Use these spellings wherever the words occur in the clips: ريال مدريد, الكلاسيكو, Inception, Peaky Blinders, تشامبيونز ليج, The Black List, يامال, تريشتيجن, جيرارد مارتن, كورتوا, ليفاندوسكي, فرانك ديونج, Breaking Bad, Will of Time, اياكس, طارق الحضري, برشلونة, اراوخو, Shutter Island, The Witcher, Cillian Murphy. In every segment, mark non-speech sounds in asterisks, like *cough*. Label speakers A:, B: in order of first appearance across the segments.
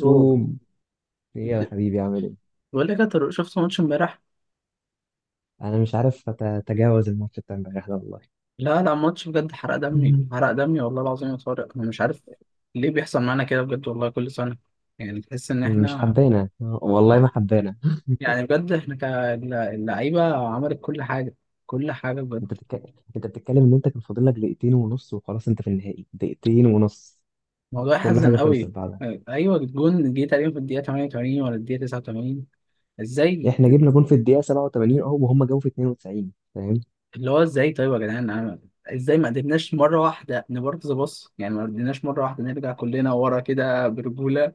A: رو-
B: ايه يا حبيبي عامل ايه؟
A: بقول لك يا طارق، شفت ماتش امبارح؟
B: انا مش عارف اتجاوز الماتش بتاع امبارح ده والله.
A: لا لا، ماتش بجد حرق دمي،
B: مم.
A: حرق دمي والله العظيم يا طارق. انا مش عارف ليه بيحصل معانا كده بجد والله كل سنه. يعني تحس ان
B: مش
A: احنا
B: حبانا والله،
A: اه،
B: ما حبانا.
A: يعني بجد احنا كاللعيبه عملت كل حاجه، كل حاجه
B: انت
A: بجد.
B: بتك... انت بتتكلم ان انت كان فاضل لك دقيقتين ونص وخلاص، انت في النهائي دقيقتين ونص،
A: الموضوع
B: كل
A: يحزن
B: حاجه خلصت
A: قوي.
B: بعدها.
A: آه، ايوه الجون جه تقريبا في الدقيقه 88 ولا الدقيقه 89. ازاي؟
B: احنا جبنا جون في الدقيقه 87 اهو، وهم جابوا في 92، فاهم؟
A: اللي هو ازاي طيب يا جدعان؟ ازاي ما قدرناش مره واحده نبارك ذا باص؟ يعني ما قدرناش مره واحده نرجع كلنا ورا كده برجوله؟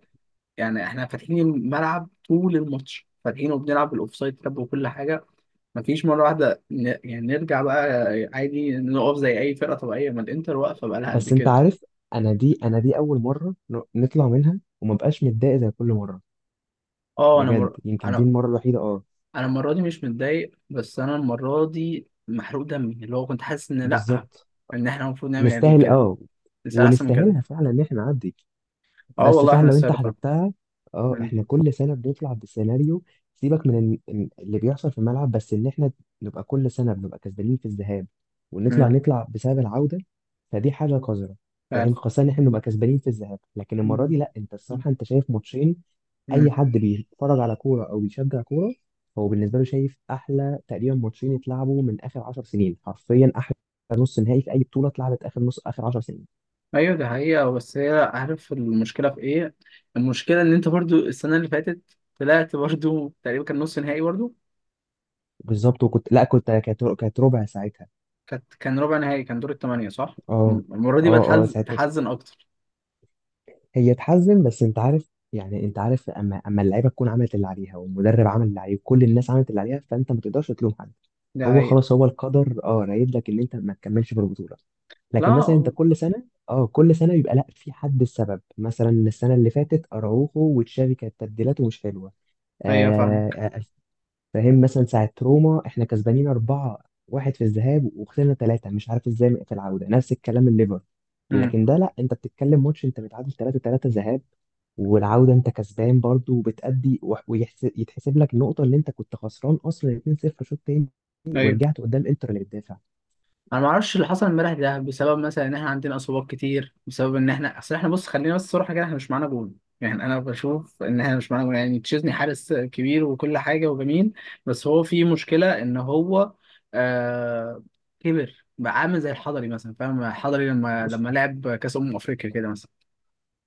A: يعني احنا فاتحين الملعب طول الماتش، فاتحينه وبنلعب بالاوفسايد تاب وكل حاجه. مفيش مره واحده يعني نرجع بقى عادي، نقف زي اي فرقه طبيعيه، ما الانتر واقفه بقى لها قد
B: بس انت
A: كده.
B: عارف، انا دي اول مره نطلع منها وما بقاش متضايق زي كل مره.
A: اه انا
B: بجد يمكن دي
A: انا،
B: المره الوحيده، اه.
A: انا المره دي مش متضايق، بس انا المره دي محروق دمي، اللي هو كنت حاسس ان لا،
B: بالظبط،
A: ان احنا المفروض نعمل يعني
B: نستاهل
A: كده،
B: اه،
A: نسال احسن من كده.
B: ونستاهلها فعلا ان احنا نعدي.
A: اه
B: بس
A: والله
B: فعلا
A: احنا
B: لو انت
A: نستاهل فعلا.
B: حسبتها، اه
A: مم.
B: احنا كل سنه بنطلع بسيناريو. سيبك من اللي بيحصل في الملعب، بس ان احنا نبقى كل سنه بنبقى كسبانين في الذهاب، ونطلع
A: مم.
B: نطلع بسبب العوده. فدي حاجه قذره.
A: عارف،
B: فاهم؟ خاصه ان احنا نبقى كسبانين في الذهاب، لكن المره دي
A: مم.
B: لا. انت الصراحه انت شايف ماتشين، اي
A: مم.
B: حد بيتفرج على كوره او بيشجع كوره، هو بالنسبه له شايف احلى تقريبا ماتشين اتلعبوا من اخر 10 سنين، حرفيا احلى نص نهائي في اي بطوله اتلعبت اخر 10 سنين.
A: ايوه دي حقيقة. آه، بس هي عارف المشكلة في ايه؟ المشكلة ان انت برضو السنة اللي فاتت طلعت برضو تقريبا كان نص نهائي برضو.
B: بالظبط، وكنت لا كنت كانت كانت ربع ساعتها.
A: كان ربع نهائي، كان دور الثمانية صح؟
B: اه،
A: المرة دي بقى
B: اه. اه
A: تحزن،
B: ساعتها
A: تحزن اكتر.
B: هي تحزن، بس انت عارف يعني، انت عارف اما اللعيبه تكون عملت اللي عليها، والمدرب عمل اللي عليه، وكل الناس عملت اللي عليها، فانت ما تقدرش تلوم حد.
A: دي
B: هو
A: حقيقة.
B: خلاص هو القدر اه رايد لك ان انت ما تكملش في البطوله.
A: لا
B: لكن مثلا انت
A: أه،
B: كل سنه، اه كل سنه بيبقى لا، في حد السبب. مثلا السنه اللي فاتت اراوخو وتشافي كانت تبديلاته مش حلوه.
A: ايوه
B: آه،
A: فاهمك.
B: آه، فاهم؟ مثلا ساعة روما احنا كسبانين 4-1 في الذهاب، وخسرنا ثلاثة مش عارف ازاي في العودة. نفس الكلام الليفر،
A: امم،
B: لكن ده لا، انت بتتكلم ماتش انت متعادل 3-3 ذهاب، والعودة انت كسبان برضو وبتأدي، ويتحسب لك النقطة اللي انت كنت خسران اصلا 2-0 شوط تاني،
A: ايوه.
B: ورجعت قدام انتر اللي بتدافع.
A: انا ما اعرفش اللي حصل امبارح ده بسبب مثلا ان احنا عندنا اصابات كتير، بسبب ان احنا، اصل احنا بص خلينا بس صراحه كده، احنا مش معانا جول. يعني انا بشوف ان احنا مش معانا جول، يعني تشيزني حارس كبير وكل حاجه وجميل، بس هو في مشكله ان هو آه، كبر بقى، عامل زي الحضري مثلا، فاهم؟ الحضري لما
B: بص
A: لما لعب كاس افريقيا كده مثلا.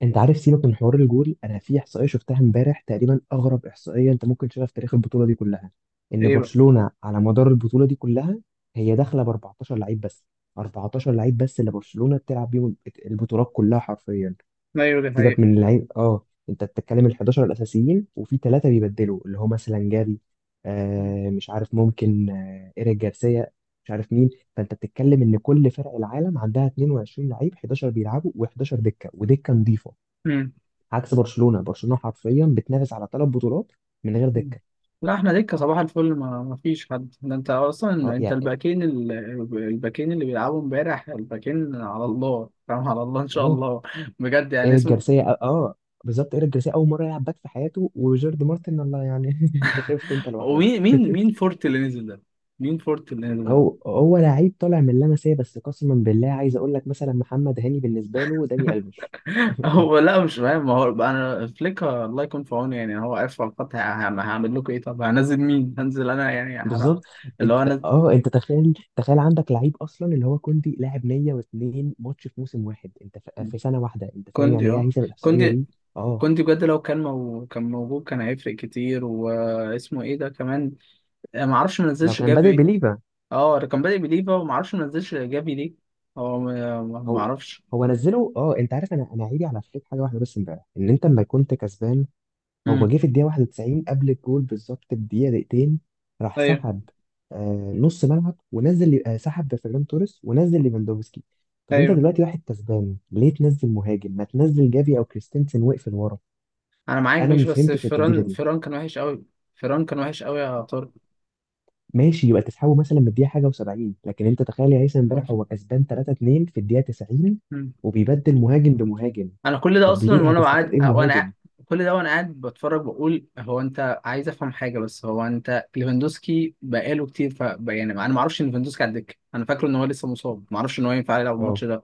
B: انت عارف، سيبك من حوار الجول، انا في احصائيه شفتها امبارح تقريبا اغرب احصائيه انت ممكن تشوفها في تاريخ البطوله دي كلها. ان
A: ايه بقى؟
B: برشلونه على مدار البطوله دي كلها هي داخله ب 14 لعيب بس. 14 لعيب بس اللي برشلونه بتلعب بيهم البطولات كلها حرفيا.
A: ايوه دي
B: سيبك
A: حقيقة.
B: من اللعيب، اه انت بتتكلم ال 11 الاساسيين وفي ثلاثه بيبدلوا اللي هما سلنجاري، مش عارف ممكن، ايريك جارسيا، مش عارف مين. فانت بتتكلم ان كل فرق العالم عندها 22 لعيب، 11 بيلعبوا و11 دكه ودكه نظيفه.
A: مم.
B: عكس برشلونه، برشلونه حرفيا بتنافس على ثلاث بطولات من غير
A: مم.
B: دكه.
A: لا احنا دكة صباح الفل، ما فيش حد، ده انت اصلا
B: اه
A: انت
B: يعني.
A: الباكين الباكين اللي بيلعبوا امبارح، الباكين على الله، فاهم؟ على الله ان شاء
B: اه
A: الله. بجد يعني
B: ايريك
A: اسمه.
B: جارسيا، بالظبط. ايريك جارسيا اول مره يلعب باك في حياته، وجيرد مارتن الله يعني. *laughs* انت شفت انت
A: ومين
B: لوحدك. *laughs*
A: مين فورت اللي نزل ده؟ مين فورت اللي نزل ده؟
B: هو لعيب طالع من لاماسيا، بس قسما بالله عايز اقول لك، مثلا محمد هاني بالنسبه له داني الفيش.
A: *laughs*
B: *laughs*
A: هو لا مش فاهم، ما هو بقى انا فليك الله يكون في عونه، يعني هو عارف على الخط هعمل لكم ايه؟ طب هنزل مين؟ هنزل انا؟ يعني هحرق.
B: بالظبط.
A: اللي
B: انت،
A: هو انا،
B: اه انت تخيل، عندك لعيب اصلا اللي هو كوندي لاعب 102 ماتش في موسم واحد، انت في سنه واحده. انت فاهم يعني
A: كوندي
B: ايه
A: اه،
B: هيثم الاحصائيه
A: كوندي
B: دي؟ اه
A: كنت بجد لو كان كان موجود كان هيفرق كتير. واسمه ايه ده كمان؟ ما اعرفش، ما
B: لو
A: نزلش
B: كان بادئ
A: جافي.
B: بليفا.
A: اه ده كان بادئ بليفا، وما اعرفش ما نزلش جافي ليه. هو ما
B: هو،
A: اعرفش.
B: نزله. اه انت عارف، انا عيبي على فليك حاجه واحده بس امبارح، ان انت لما كنت كسبان هو
A: امم،
B: جه في الدقيقه 91 قبل الجول بالظبط بدقيقه دقيقتين، راح
A: ايوه.
B: سحب نص ملعب، ونزل، سحب فيران توريس ونزل ليفاندوفسكي. طب انت
A: ايوه
B: دلوقتي واحد كسبان ليه تنزل مهاجم؟ ما تنزل جافي او كريستنسن واقفل ورا.
A: انا معاك
B: انا ما
A: ماشي، بس
B: فهمتش التبديله
A: فران
B: دي.
A: فران كان وحش قوي. فران كان وحش قوي يا طارق.
B: ماشي يبقى تسحبه مثلا من الدقيقه حاجه و70، لكن انت تخيل يا هيثم امبارح هو كسبان 3-2 في الدقيقه 90
A: مم.
B: وبيبدل مهاجم بمهاجم.
A: انا كل ده
B: طب
A: اصلا
B: ليه؟
A: وانا قاعد
B: هتستفاد ايه المهاجم؟
A: كل ده وانا قاعد بتفرج، بقول هو انت عايز افهم حاجه، بس هو انت ليفاندوسكي بقاله كتير، ف يعني انا ما اعرفش ان ليفاندوسكي على الدكه، انا فاكره ان هو لسه مصاب، ما اعرفش ان هو ينفع يلعب الماتش
B: اه
A: ده.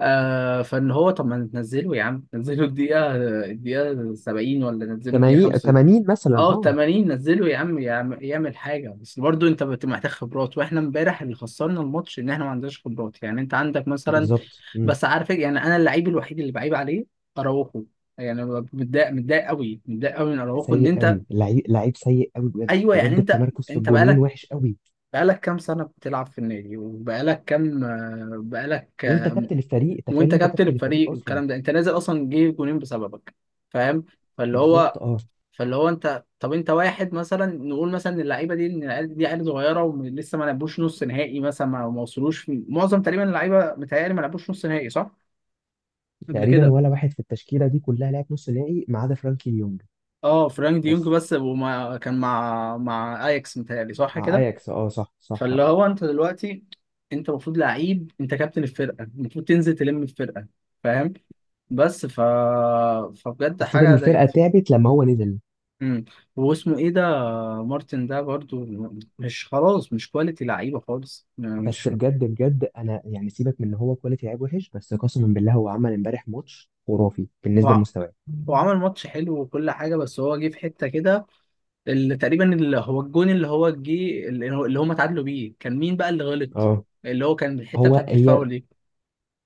A: آه فان هو طب ما ننزله يا عم؟ ننزله الدقيقه 70 ولا ننزله الدقيقه
B: 80،
A: 5؟
B: 80 مثلا،
A: اه
B: اه.
A: 80، نزله يا عم يعمل حاجه. بس برضو انت محتاج خبرات، واحنا امبارح اللي خسرنا الماتش ان احنا ما عندناش خبرات، يعني انت عندك مثلا.
B: بالظبط. مم.
A: بس عارف إيه؟ يعني انا اللعيب الوحيد اللي بعيب عليه اراوخو. يعني أنا متضايق، متضايق قوي من اراوخو، ان
B: سيء
A: انت،
B: قوي، لعيب لعيب سيء قوي بجد
A: ايوه يعني
B: بجد،
A: انت،
B: التمركز في
A: انت
B: الجونين
A: بقالك،
B: وحش قوي.
A: بقالك كام سنه بتلعب في النادي؟ وبقالك كام آه، بقالك
B: وانت
A: آه،
B: كابتن الفريق، تخيل
A: وانت
B: انت
A: كابتن
B: كابتن الفريق
A: الفريق
B: اصلا.
A: والكلام ده انت نازل اصلا جه جونين بسببك، فاهم؟ فاللي
B: بالظبط،
A: هو،
B: اه.
A: فاللي هو انت طب انت واحد مثلا، نقول مثلا اللعيبه دي ان العيال دي عيال صغيره ولسه ما لعبوش نص نهائي مثلا، ما وصلوش معظم تقريبا اللعيبه متهيألي ما لعبوش نص نهائي صح؟ قبل
B: تقريبا
A: كده.
B: ولا واحد في التشكيله دي كلها لعب نص نهائي ما عدا فرانكي ليونج.
A: اه فرانك ديونج
B: بس
A: بس، وما كان مع اياكس متهيألي صح
B: مع
A: كده.
B: اياكس، اه صح صح. آه.
A: فاللي هو انت دلوقتي، انت المفروض لعيب، انت كابتن الفرقه، المفروض تنزل تلم الفرقه فاهم؟ بس ف، فبجد
B: حسيت ان
A: حاجه
B: الفرقه
A: ضايقت.
B: تعبت لما هو نزل.
A: امم، واسمه ايه ده؟ مارتن ده برضو مش خلاص مش كواليتي لعيبه خالص، يعني
B: بس
A: مش.
B: بجد بجد انا يعني، سيبك من ان هو كواليتي لعيب وحش، بس قسما بالله هو عمل امبارح ماتش خرافي بالنسبه
A: هو،
B: لمستواه.
A: هو عمل ماتش حلو وكل حاجه، بس هو جه في حته كده تقريبا اللي هو الجون اللي هو جه اللي هو اللي هم اتعادلوا بيه، كان مين بقى اللي غلط؟
B: اه.
A: اللي هو كان الحته بتاعت
B: هي،
A: الفاول دي.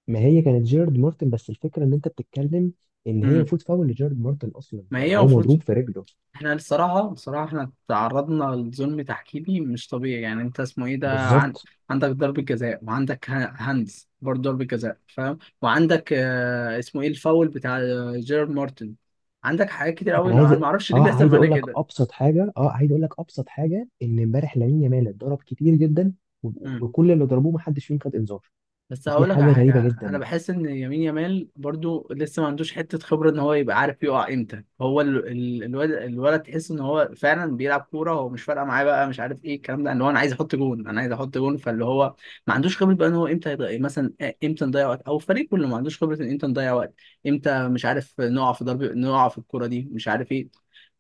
B: ما هي كانت جيرارد مارتن. بس الفكره ان انت بتتكلم ان هي
A: امم،
B: المفروض فاول لجيرارد مارتن اصلا،
A: ما
B: يعني
A: هي
B: هو
A: المفروض،
B: مضروب في رجله.
A: احنا الصراحه بصراحه احنا تعرضنا لظلم تحكيمي مش طبيعي، يعني انت اسمه ايه ده
B: بالظبط.
A: عندك ضربه جزاء، وعندك هاندز برضه ضربه جزاء فاهم، وعندك آه، اسمه ايه الفاول بتاع آه، جيرارد مارتن. عندك حاجات كتير قوي،
B: انا عايز،
A: انا ما اعرفش ليه
B: اه
A: بيحصل
B: عايز
A: معانا
B: اقول لك
A: كده.
B: ابسط حاجه اه عايز اقول لك ابسط حاجه، ان امبارح لامين يامال اتضرب كتير جدا، و- وكل اللي ضربوه ما حدش فيهم خد انذار.
A: بس
B: دي
A: هقول لك على
B: حاجه غريبه
A: حاجه، انا
B: جدا.
A: بحس ان يمين يامال برضو لسه ما عندوش حته خبره، ان هو يبقى عارف يقع امتى. هو الولد، الولد تحس ان هو فعلا بيلعب كوره، هو مش فارقه معاه بقى، مش عارف ايه الكلام ده، اللي هو انا عايز احط جون، انا عايز احط جون. فاللي هو ما عندوش خبره بقى ان هو امتى يضيع مثلا، امتى نضيع وقت، او الفريق كله ما عندوش خبره ان امتى نضيع وقت، امتى مش عارف نقع في ضرب، نقع في الكوره دي، مش عارف ايه.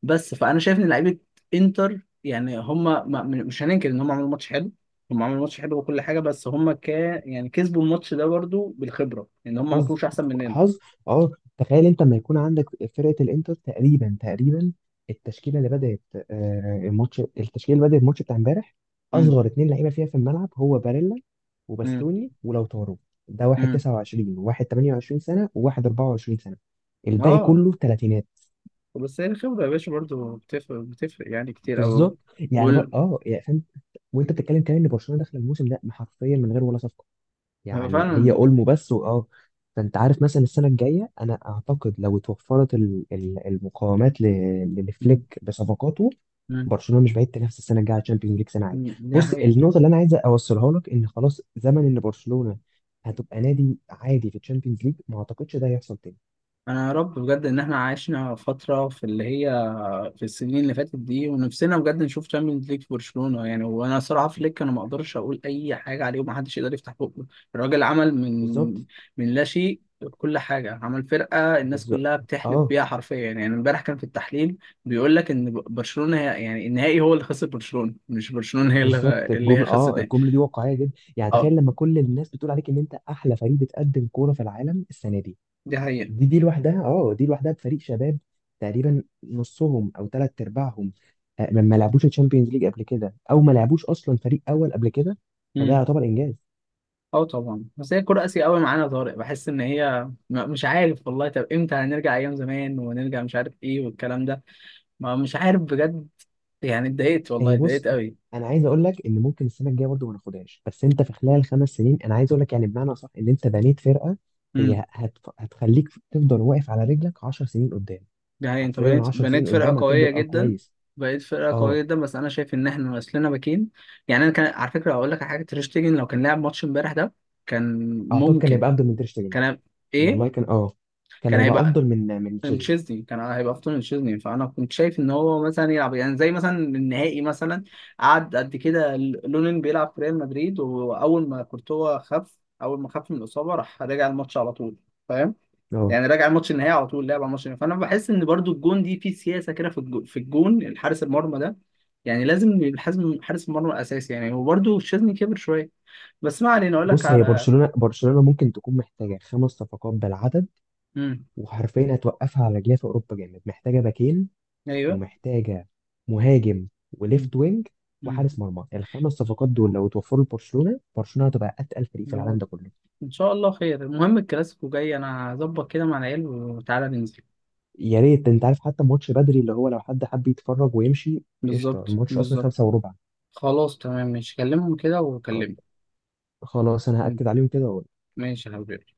A: بس فانا شايف ان لعيبه انتر يعني هم، مش هننكر ان هم عملوا ماتش حلو، هم عملوا ماتش حلو وكل حاجه، بس هم ك، يعني كسبوا الماتش ده برضو بالخبره، ان هم ما
B: حظ،
A: كانوش احسن مننا.
B: حظ، اه. تخيل انت لما يكون عندك فرقه الانتر، تقريبا تقريبا التشكيله اللي بدات، آه، الماتش التشكيله اللي بدات الماتش بتاع امبارح،
A: امم،
B: اصغر اتنين لعيبه فيها في الملعب هو باريلا
A: امم،
B: وباستوني ولوتارو. ده واحد
A: امم،
B: 29 وواحد 28 سنه وواحد 24 سنه، الباقي
A: اه.
B: كله تلاتينات.
A: بس هي الخبره يا باشا برضو بتفرق، بتفرق يعني كتير قوي.
B: بالظبط يعني، بر...
A: وال...
B: اه يعني فاهم. وانت بتتكلم كمان ان برشلونه داخله الموسم ده حرفيا من غير ولا صفقه،
A: هو
B: يعني هي
A: فعلا.
B: اولمو بس واه. فانت عارف مثلا السنه الجايه انا اعتقد لو اتوفرت المقاومات
A: امم،
B: لفليك بصفقاته،
A: امم.
B: برشلونه مش بعيد تنافس السنه الجايه على الشامبيونز ليج سنه عاليه.
A: أمم. دي
B: بص
A: حقيقه.
B: النقطه اللي انا عايز اوصلها لك، ان خلاص زمن ان برشلونه هتبقى نادي عادي في الشامبيونز ليج، ما اعتقدش ده هيحصل تاني.
A: انا يا رب بجد ان احنا عشنا فتره في اللي هي، في السنين اللي فاتت دي، ونفسنا بجد نشوف تشامبيونز ليج في برشلونة يعني. وانا صراحة فليك انا ما اقدرش اقول اي حاجة عليه، ومحدش يقدر يفتح بقه، الراجل عمل من،
B: بالظبط،
A: من لا شيء كل حاجة، عمل فرقة الناس
B: بالظبط،
A: كلها بتحلف
B: اه.
A: بيها حرفيا، يعني امبارح كان في التحليل بيقول لك ان برشلونة هي يعني النهائي هو اللي خسر برشلونة، مش برشلونة هي اللي
B: بالظبط،
A: اللي هي خسرت النهائي.
B: الجمله دي واقعيه جدا. يعني
A: اه
B: تخيل لما كل الناس بتقول عليك ان انت احلى فريق بتقدم كوره في العالم السنه دي.
A: دي حقيقة.
B: دي لوحدها، اه دي لوحدها بفريق شباب تقريبا نصهم او ثلاث ارباعهم، ما لعبوش الشامبيونز ليج قبل كده، او ما لعبوش اصلا فريق اول قبل كده. فده
A: مم.
B: يعتبر انجاز.
A: اه طبعا. بس هي كرة قاسية قوي معانا يا طارق، بحس ان هي مش عارف والله، طب امتى هنرجع ايام زمان ونرجع؟ مش عارف ايه والكلام ده. ما مش عارف بجد، يعني اتضايقت والله
B: هي
A: اتضايقت
B: بص،
A: قوي.
B: انا عايز اقول لك ان ممكن السنه الجايه برضه ما ناخدهاش، بس انت في خلال 5 سنين انا عايز اقول لك يعني بمعنى صح، ان انت بنيت فرقه
A: امم،
B: هتخليك تفضل واقف على رجلك 10 سنين قدام.
A: ده هي انت
B: حرفيا
A: بنيت
B: 10
A: بنيت
B: سنين
A: فرقه
B: قدام
A: قويه
B: هتفضل، اه
A: جدا،
B: كويس.
A: بقيت فرقه قويه
B: اه
A: جدا، بس انا شايف ان احنا ناقصنا باكين. يعني انا كان على فكره هقول لك على حاجه، تريشتيجن لو كان لعب ماتش امبارح ده كان
B: اعتقد كان
A: ممكن،
B: هيبقى افضل من تير شتيجن.
A: كان ايه،
B: والله كان اه، كان
A: كان
B: هيبقى
A: هيبقى
B: افضل من تشيزني.
A: تشيزني، كان هيبقى افضل من تشيزني. فانا كنت شايف ان هو مثلا يلعب يعني زي مثلا النهائي مثلا، قعد قد كده لونين بيلعب في ريال مدريد، واول ما كورتوا خف، اول ما خف من الاصابه راح رجع الماتش على طول فاهم؟
B: اه
A: يعني راجع الماتش النهائي على طول، لعب على الماتش النهائي. فانا بحس ان برضو الجون دي في سياسه كده، في الجون، في الجون الحارس المرمى ده، يعني لازم الحزم حارس المرمى الاساسي يعني. وبرضو الشاذلي كبر شويه، بس ما علينا، اقول لك
B: بص، هي
A: على.
B: برشلونة، برشلونة ممكن تكون محتاجة 5 صفقات بالعدد،
A: امم،
B: وحرفيا هتوقفها على رجليها في أوروبا جامد. محتاجة باكين،
A: ايوه،
B: ومحتاجة مهاجم
A: امم،
B: وليفت وينج
A: امم.
B: وحارس مرمى. ال 5 صفقات دول لو اتوفروا لبرشلونة، برشلونة هتبقى أتقل فريق في
A: يا
B: العالم
A: رب.
B: ده كله.
A: ان شاء الله خير. المهم الكلاسيكو جاي، انا هظبط كده مع العيال وتعالى ننزل.
B: يا ريت. أنت عارف حتى الماتش بدري، اللي هو لو حد حب يتفرج ويمشي. قشطة.
A: بالظبط
B: الماتش أصلا
A: بالظبط.
B: 5:15.
A: خلاص تمام ماشي، كلمهم كده
B: خ-
A: وكلمني.
B: خلاص أنا
A: مم.
B: هأكد عليهم كده وأقول
A: ماشي يا حبيبي.